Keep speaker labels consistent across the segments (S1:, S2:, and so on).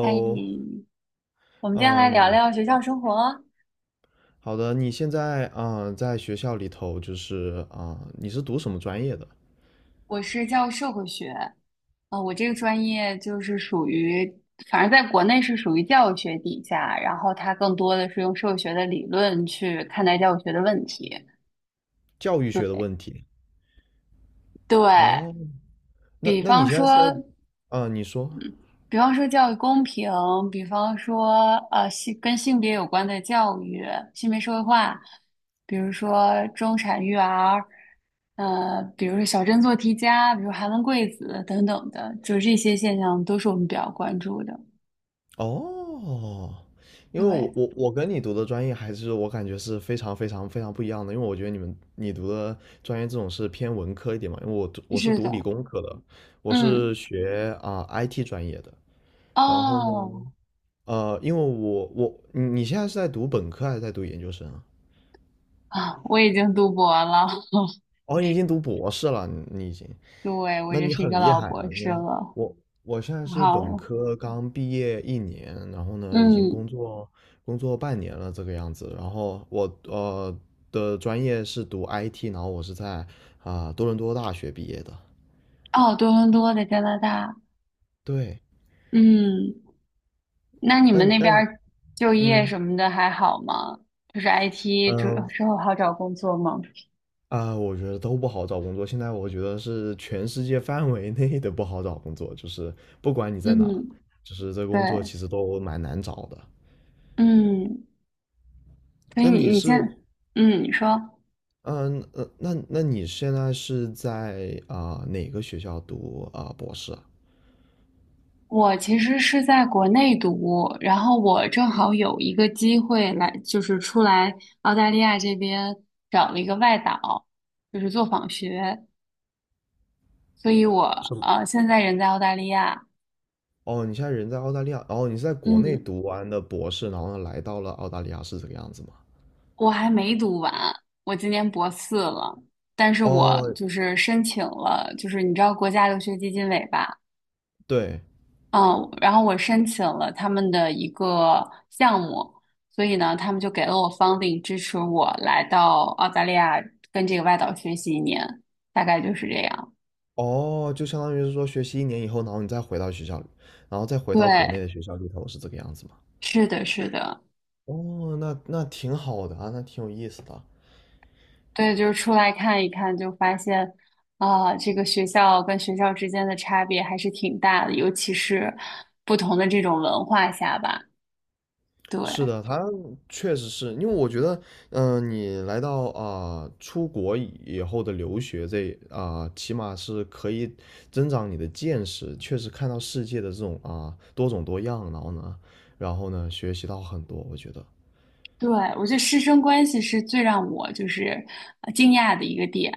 S1: 嗨，我们今天
S2: 啊、
S1: 来聊
S2: 你
S1: 聊学校生活。
S2: 好的，你现在在学校里头就是你是读什么专业的？
S1: 我是教社会学，我这个专业就是属于，反正在国内是属于教育学底下，然后它更多的是用社会学的理论去看待教育学的问题。
S2: 教育学的
S1: 对
S2: 问题。
S1: 对，
S2: 哦，那
S1: 比
S2: 那你
S1: 方
S2: 现在是在。
S1: 说。
S2: 啊、你说
S1: 比方说教育公平，比方说性跟性别有关的教育、性别社会化，比如说中产育儿，比如说小镇做题家，比如寒门贵子等等的，就是这些现象都是我们比较关注的。
S2: 哦，因为
S1: 对，
S2: 我跟你读的专业，还是我感觉是非常非常非常不一样的。因为我觉得你读的专业这种是偏文科一点嘛，因为我是
S1: 是
S2: 读
S1: 的，
S2: 理工科的，我
S1: 嗯，
S2: 是学IT 专业的。然后呢，
S1: 哦，
S2: 因为你现在是在读本科还是在读研究生啊？
S1: 啊，我已经读博了，
S2: 哦，你已经读博士了，你已经。
S1: 对，我已
S2: 那
S1: 经
S2: 你
S1: 是一
S2: 很
S1: 个
S2: 厉
S1: 老
S2: 害啊！
S1: 博
S2: 你
S1: 士
S2: 看
S1: 了，
S2: 我我现在是
S1: 好
S2: 本
S1: 了，
S2: 科刚毕业一年，然后呢，已经
S1: 嗯，
S2: 工作半年了这个样子。然后我的专业是读 IT，然后我是在多伦多大学毕业的。
S1: 哦，多伦多在加拿大，
S2: 对。
S1: 嗯。那你
S2: 那
S1: 们
S2: 你
S1: 那
S2: 那
S1: 边
S2: 你
S1: 儿就业
S2: 嗯
S1: 什么的还好吗？就是 IT
S2: 嗯、
S1: 之
S2: 呃
S1: 之后好找工作吗？
S2: 啊，我觉得都不好找工作。现在我觉得是全世界范围内的不好找工作，就是不管你在哪，
S1: 嗯，
S2: 就是这
S1: 对，
S2: 工作其实都蛮难找的。
S1: 嗯，所以
S2: 那
S1: 你
S2: 你
S1: 你
S2: 是，
S1: 现，嗯，你说
S2: 那你现在是在哪个学校读博士啊？
S1: 我其实是在国内读，然后我正好有一个机会来，就是出来澳大利亚这边找了一个外导，就是做访学，所以
S2: 是
S1: 我
S2: 吗？
S1: 现在人在澳大利亚，
S2: 哦，你现在人在澳大利亚。哦，你是在国内
S1: 嗯，
S2: 读完的博士，然后呢来到了澳大利亚，是这个样子吗？
S1: 我还没读完，我今年博四了，但是我
S2: 哦，
S1: 就是申请了，就是你知道国家留学基金委吧？
S2: 对。
S1: 嗯，然后我申请了他们的一个项目，所以呢，他们就给了我 funding 支持我来到澳大利亚跟这个外导学习1年，大概就是这样。
S2: 哦，就相当于是说学习一年以后，然后你再回到学校里，然后再回到国内
S1: 对，
S2: 的学校里头，是这个样子吗？
S1: 是的，是的。
S2: 哦，那挺好的啊，那挺有意思的啊。
S1: 对，就是出来看一看，就发现啊，这个学校跟学校之间的差别还是挺大的，尤其是不同的这种文化下吧。对，
S2: 是的，他确实是。因为我觉得你来到出国以后的留学这起码是可以增长你的见识，确实看到世界的这种多种多样。然后呢，学习到很多，我觉得
S1: 对，我觉得师生关系是最让我就是惊讶的一个点。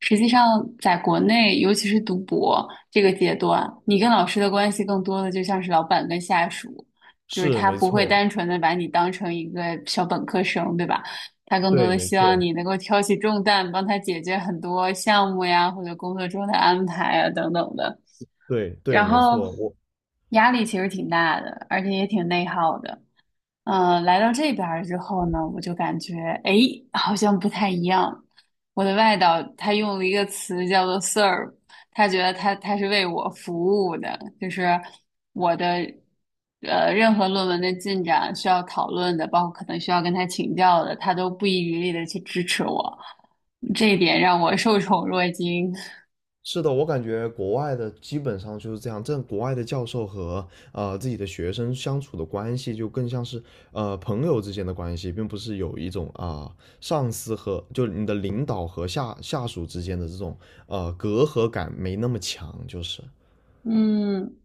S1: 实际上，在国内，尤其是读博这个阶段，你跟老师的关系更多的就像是老板跟下属，就是
S2: 是
S1: 他
S2: 没
S1: 不会
S2: 错。
S1: 单纯的把你当成一个小本科生，对吧？他更多
S2: 对，
S1: 的
S2: 没
S1: 希望
S2: 错。
S1: 你能够挑起重担，帮他解决很多项目呀，或者工作中的安排啊等等的。
S2: 对对，
S1: 然
S2: 没
S1: 后
S2: 错。
S1: 压力其实挺大的，而且也挺内耗的。来到这边儿之后呢，我就感觉，哎，好像不太一样。我的外导他用了一个词叫做 "serve",他觉得他是为我服务的，就是我的任何论文的进展需要讨论的，包括可能需要跟他请教的，他都不遗余力的去支持我，这一点让我受宠若惊。
S2: 是的。我感觉国外的基本上就是这样。这国外的教授和自己的学生相处的关系就更像是朋友之间的关系，并不是有一种上司和就你的领导和下属之间的这种隔阂感没那么强，就是。
S1: 嗯，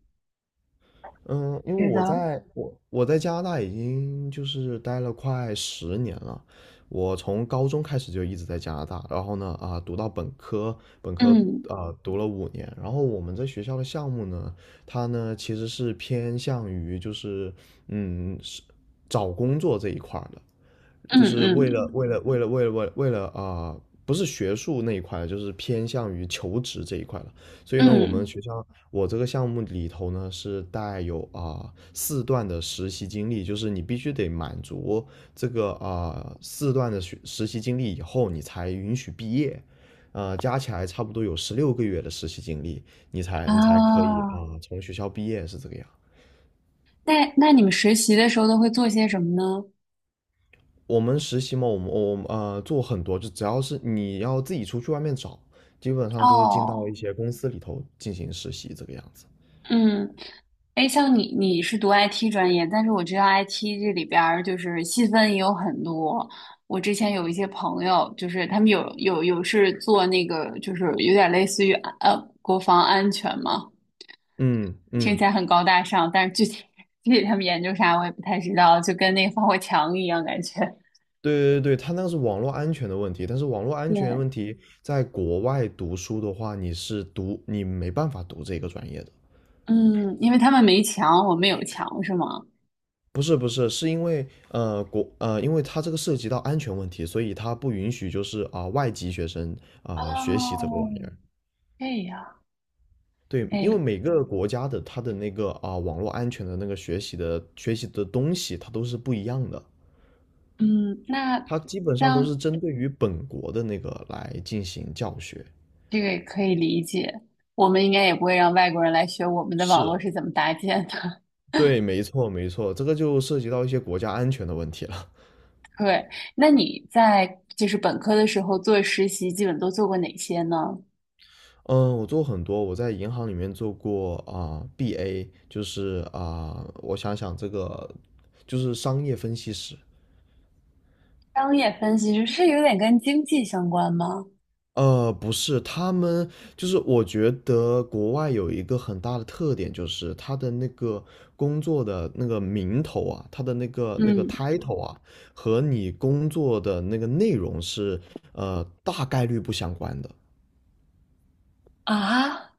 S2: 嗯，因为
S1: 是
S2: 我
S1: 的，
S2: 在我我在加拿大已经就是待了快10年了。我从高中开始就一直在加拿大，然后呢读到本科，本科
S1: 嗯
S2: 啊、读了五年。然后我们这学校的项目呢，它呢其实是偏向于就是是找工作这一块儿的，
S1: 嗯
S2: 就是为了
S1: 嗯
S2: 为了为了为了为了为了啊、不是学术那一块了，就是偏向于求职这一块了。所以呢，我们
S1: 嗯
S2: 学校我这个项目里头呢是带有啊、四段的实习经历，就是你必须得满足这个啊、四段的实习经历以后，你才允许毕业。加起来差不多有16个月的实习经历，你才可以
S1: 啊。
S2: 从学校毕业是这个样。
S1: 那你们实习的时候都会做些什么呢？
S2: 我们实习嘛，我们做很多，就只要是你要自己出去外面找，基本上就是进到
S1: 哦，
S2: 一些公司里头进行实习这个样子。
S1: 嗯，哎，像你是读 IT 专业，但是我知道 IT 这里边儿就是细分也有很多。我之前有一些朋友，就是他们有是做那个，就是有点类似于国防安全嘛，
S2: 嗯
S1: 听
S2: 嗯。
S1: 起来很高大上，但是具体 具体他们研究啥我也不太知道，就跟那个防火墙一样感觉。
S2: 对对对，他那个是网络安全的问题，但是网络安全问
S1: 对，
S2: 题在国外读书的话，你没办法读这个专业的。
S1: 嗯，因为他们没墙，我们有墙，是吗？
S2: 不是，是因为因为它这个涉及到安全问题，所以它不允许就是外籍学生学习这
S1: 哦，
S2: 个玩意儿。
S1: 这样。
S2: 对，因为
S1: 哎，
S2: 每个国家的它的那个网络安全的那个学习的东西，它都是不一样的，
S1: 嗯，那
S2: 它基本上都
S1: 像
S2: 是针对于本国的那个来进行教学。
S1: 这个也可以理解，我们应该也不会让外国人来学我们的网络
S2: 是。
S1: 是怎么搭建的。
S2: 对，没错，没错，这个就涉及到一些国家安全的问题了。
S1: 对，那你在就是本科的时候做实习，基本都做过哪些呢？
S2: 嗯，我做很多，我在银行里面做过BA，就是我想想，这个就是商业分析师。
S1: 商业分析师是有点跟经济相关吗？
S2: 不是，就是我觉得国外有一个很大的特点，就是他的那个工作的那个名头啊，他的那个
S1: 嗯，
S2: title 啊，和你工作的那个内容是大概率不相关的。
S1: 啊，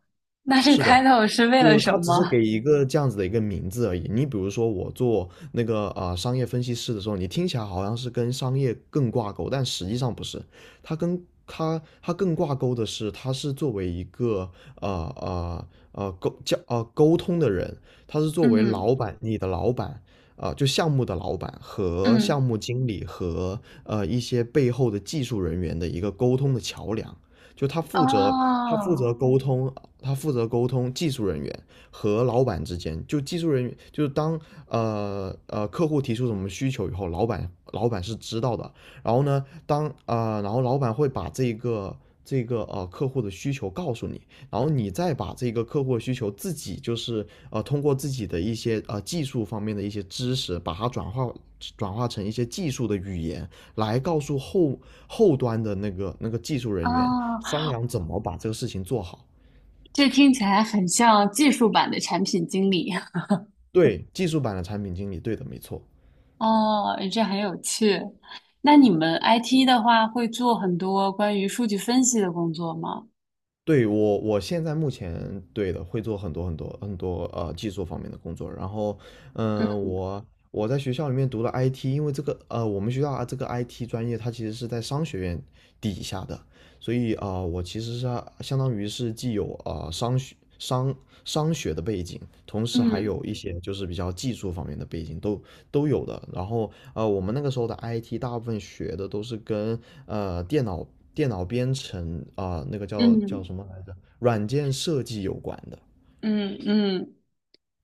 S1: 那这
S2: 是的，
S1: title 是为了
S2: 就
S1: 什
S2: 他只是
S1: 么？
S2: 给一个这样子的一个名字而已。你比如说，我做那个商业分析师的时候，你听起来好像是跟商业更挂钩，但实际上不是。他跟他他更挂钩的是，他是作为一个呃沟通的人，他是作为
S1: 嗯
S2: 老板，你的老板。就项目的老板和项
S1: 嗯，
S2: 目经理和一些背后的技术人员的一个沟通的桥梁。就他负责他负
S1: 哦
S2: 责沟通他负责沟通技术人员和老板之间。就技术人员，就是当客户提出什么需求以后，老板是知道的。然后呢，然后老板会把这个客户的需求告诉你，然后你再把这个客户的需求自己就是通过自己的一些技术方面的一些知识，把它转化成一些技术的语言，来告诉后端的那个技术人员
S1: 哦，
S2: 商量怎么把这个事情做好。
S1: 这听起来很像技术版的产品经理。
S2: 对，技术版的产品经理，对的，没错。
S1: 哦，这很有趣。那你们 IT 的话，会做很多关于数据分析的工作吗？
S2: 对。我现在目前对的会做很多很多很多技术方面的工作。然后，嗯，我我在学校里面读了 IT，因为这个我们学校这个 IT 专业它其实是在商学院底下的，所以我其实是相当于是既有商学的背景，同时还
S1: 嗯
S2: 有一些就是比较技术方面的背景都有的。然后我们那个时候的 IT 大部分学的都是跟呃电脑电脑编程那个叫
S1: 嗯
S2: 什么来着，软件设计有关的。
S1: 嗯嗯，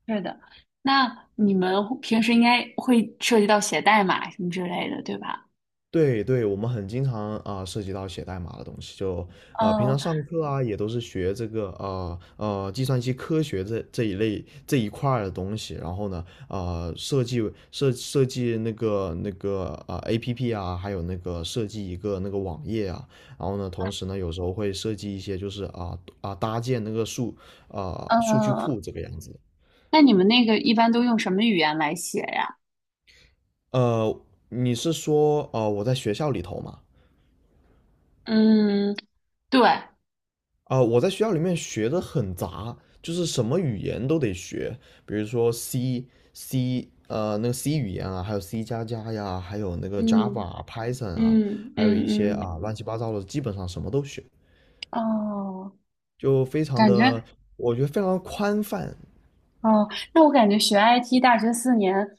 S1: 是的。那你们会平时应该会涉及到写代码什么之类的，对吧？
S2: 对对，我们很经常涉及到写代码的东西，就平常
S1: 嗯
S2: 上课也都是学这个计算机科学这一类这一块儿的东西，然后呢啊、设计设计那个APP 啊，还有那个设计一个那个网页啊，然后呢同时呢有时候会设计一些就是搭建那个
S1: 嗯，
S2: 数据库
S1: 呃
S2: 这个样子。
S1: 那你们那个一般都用什么语言来写呀？
S2: 呃，你是说我在学校里头吗？
S1: 嗯，对，
S2: 我在学校里面学的很杂，就是什么语言都得学，比如说 C、C 呃那个 C 语言啊，还有 C 加加呀，还有那个 Java
S1: 嗯
S2: 啊 Python 啊，
S1: 嗯
S2: 还有
S1: 嗯
S2: 一些
S1: 嗯，
S2: 乱七八糟的，基本上什么都学，
S1: 哦，
S2: 就非常
S1: 感觉
S2: 的，我觉得非常宽泛。
S1: 哦，那我感觉学 IT 大学四年。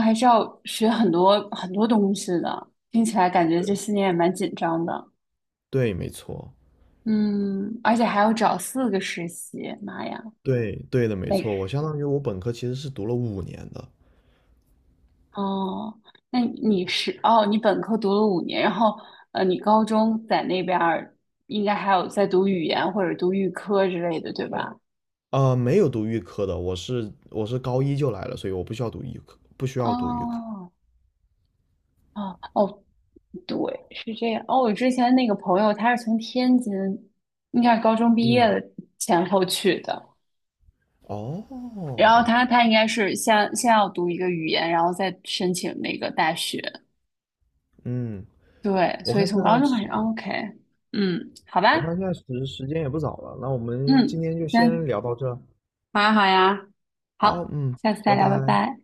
S1: 还是要学很多很多东西的，听起来感觉这四年也蛮紧张的。
S2: 对，没错，
S1: 嗯，而且还要找4个实习，妈呀，
S2: 对对的，没错。我
S1: 累！
S2: 相当于我本科其实是读了五年的，
S1: 哦，那你是哦，你本科读了5年，然后你高中在那边儿应该还有在读语言或者读预科之类的，对吧？
S2: 没有读预科的，我是高一就来了，所以我不需要读预科，不需要读预科。
S1: 哦哦哦，对，是这样。哦，我之前那个朋友他是从天津，应该是高中毕业
S2: 嗯，
S1: 的前后去的。
S2: 哦，
S1: 然后他应该是先要读一个语言，然后再申请那个大学。
S2: 嗯，
S1: 对，
S2: 我
S1: 所以
S2: 看现
S1: 从高
S2: 在
S1: 中开
S2: 时，
S1: 始哦，OK,嗯，好吧，
S2: 我看现在时时间也不早了，那我们今
S1: 嗯，
S2: 天就先
S1: 行，
S2: 聊到这。
S1: 好呀，好呀，
S2: 好，
S1: 好，
S2: 嗯，
S1: 下次
S2: 拜
S1: 再聊，拜
S2: 拜。
S1: 拜。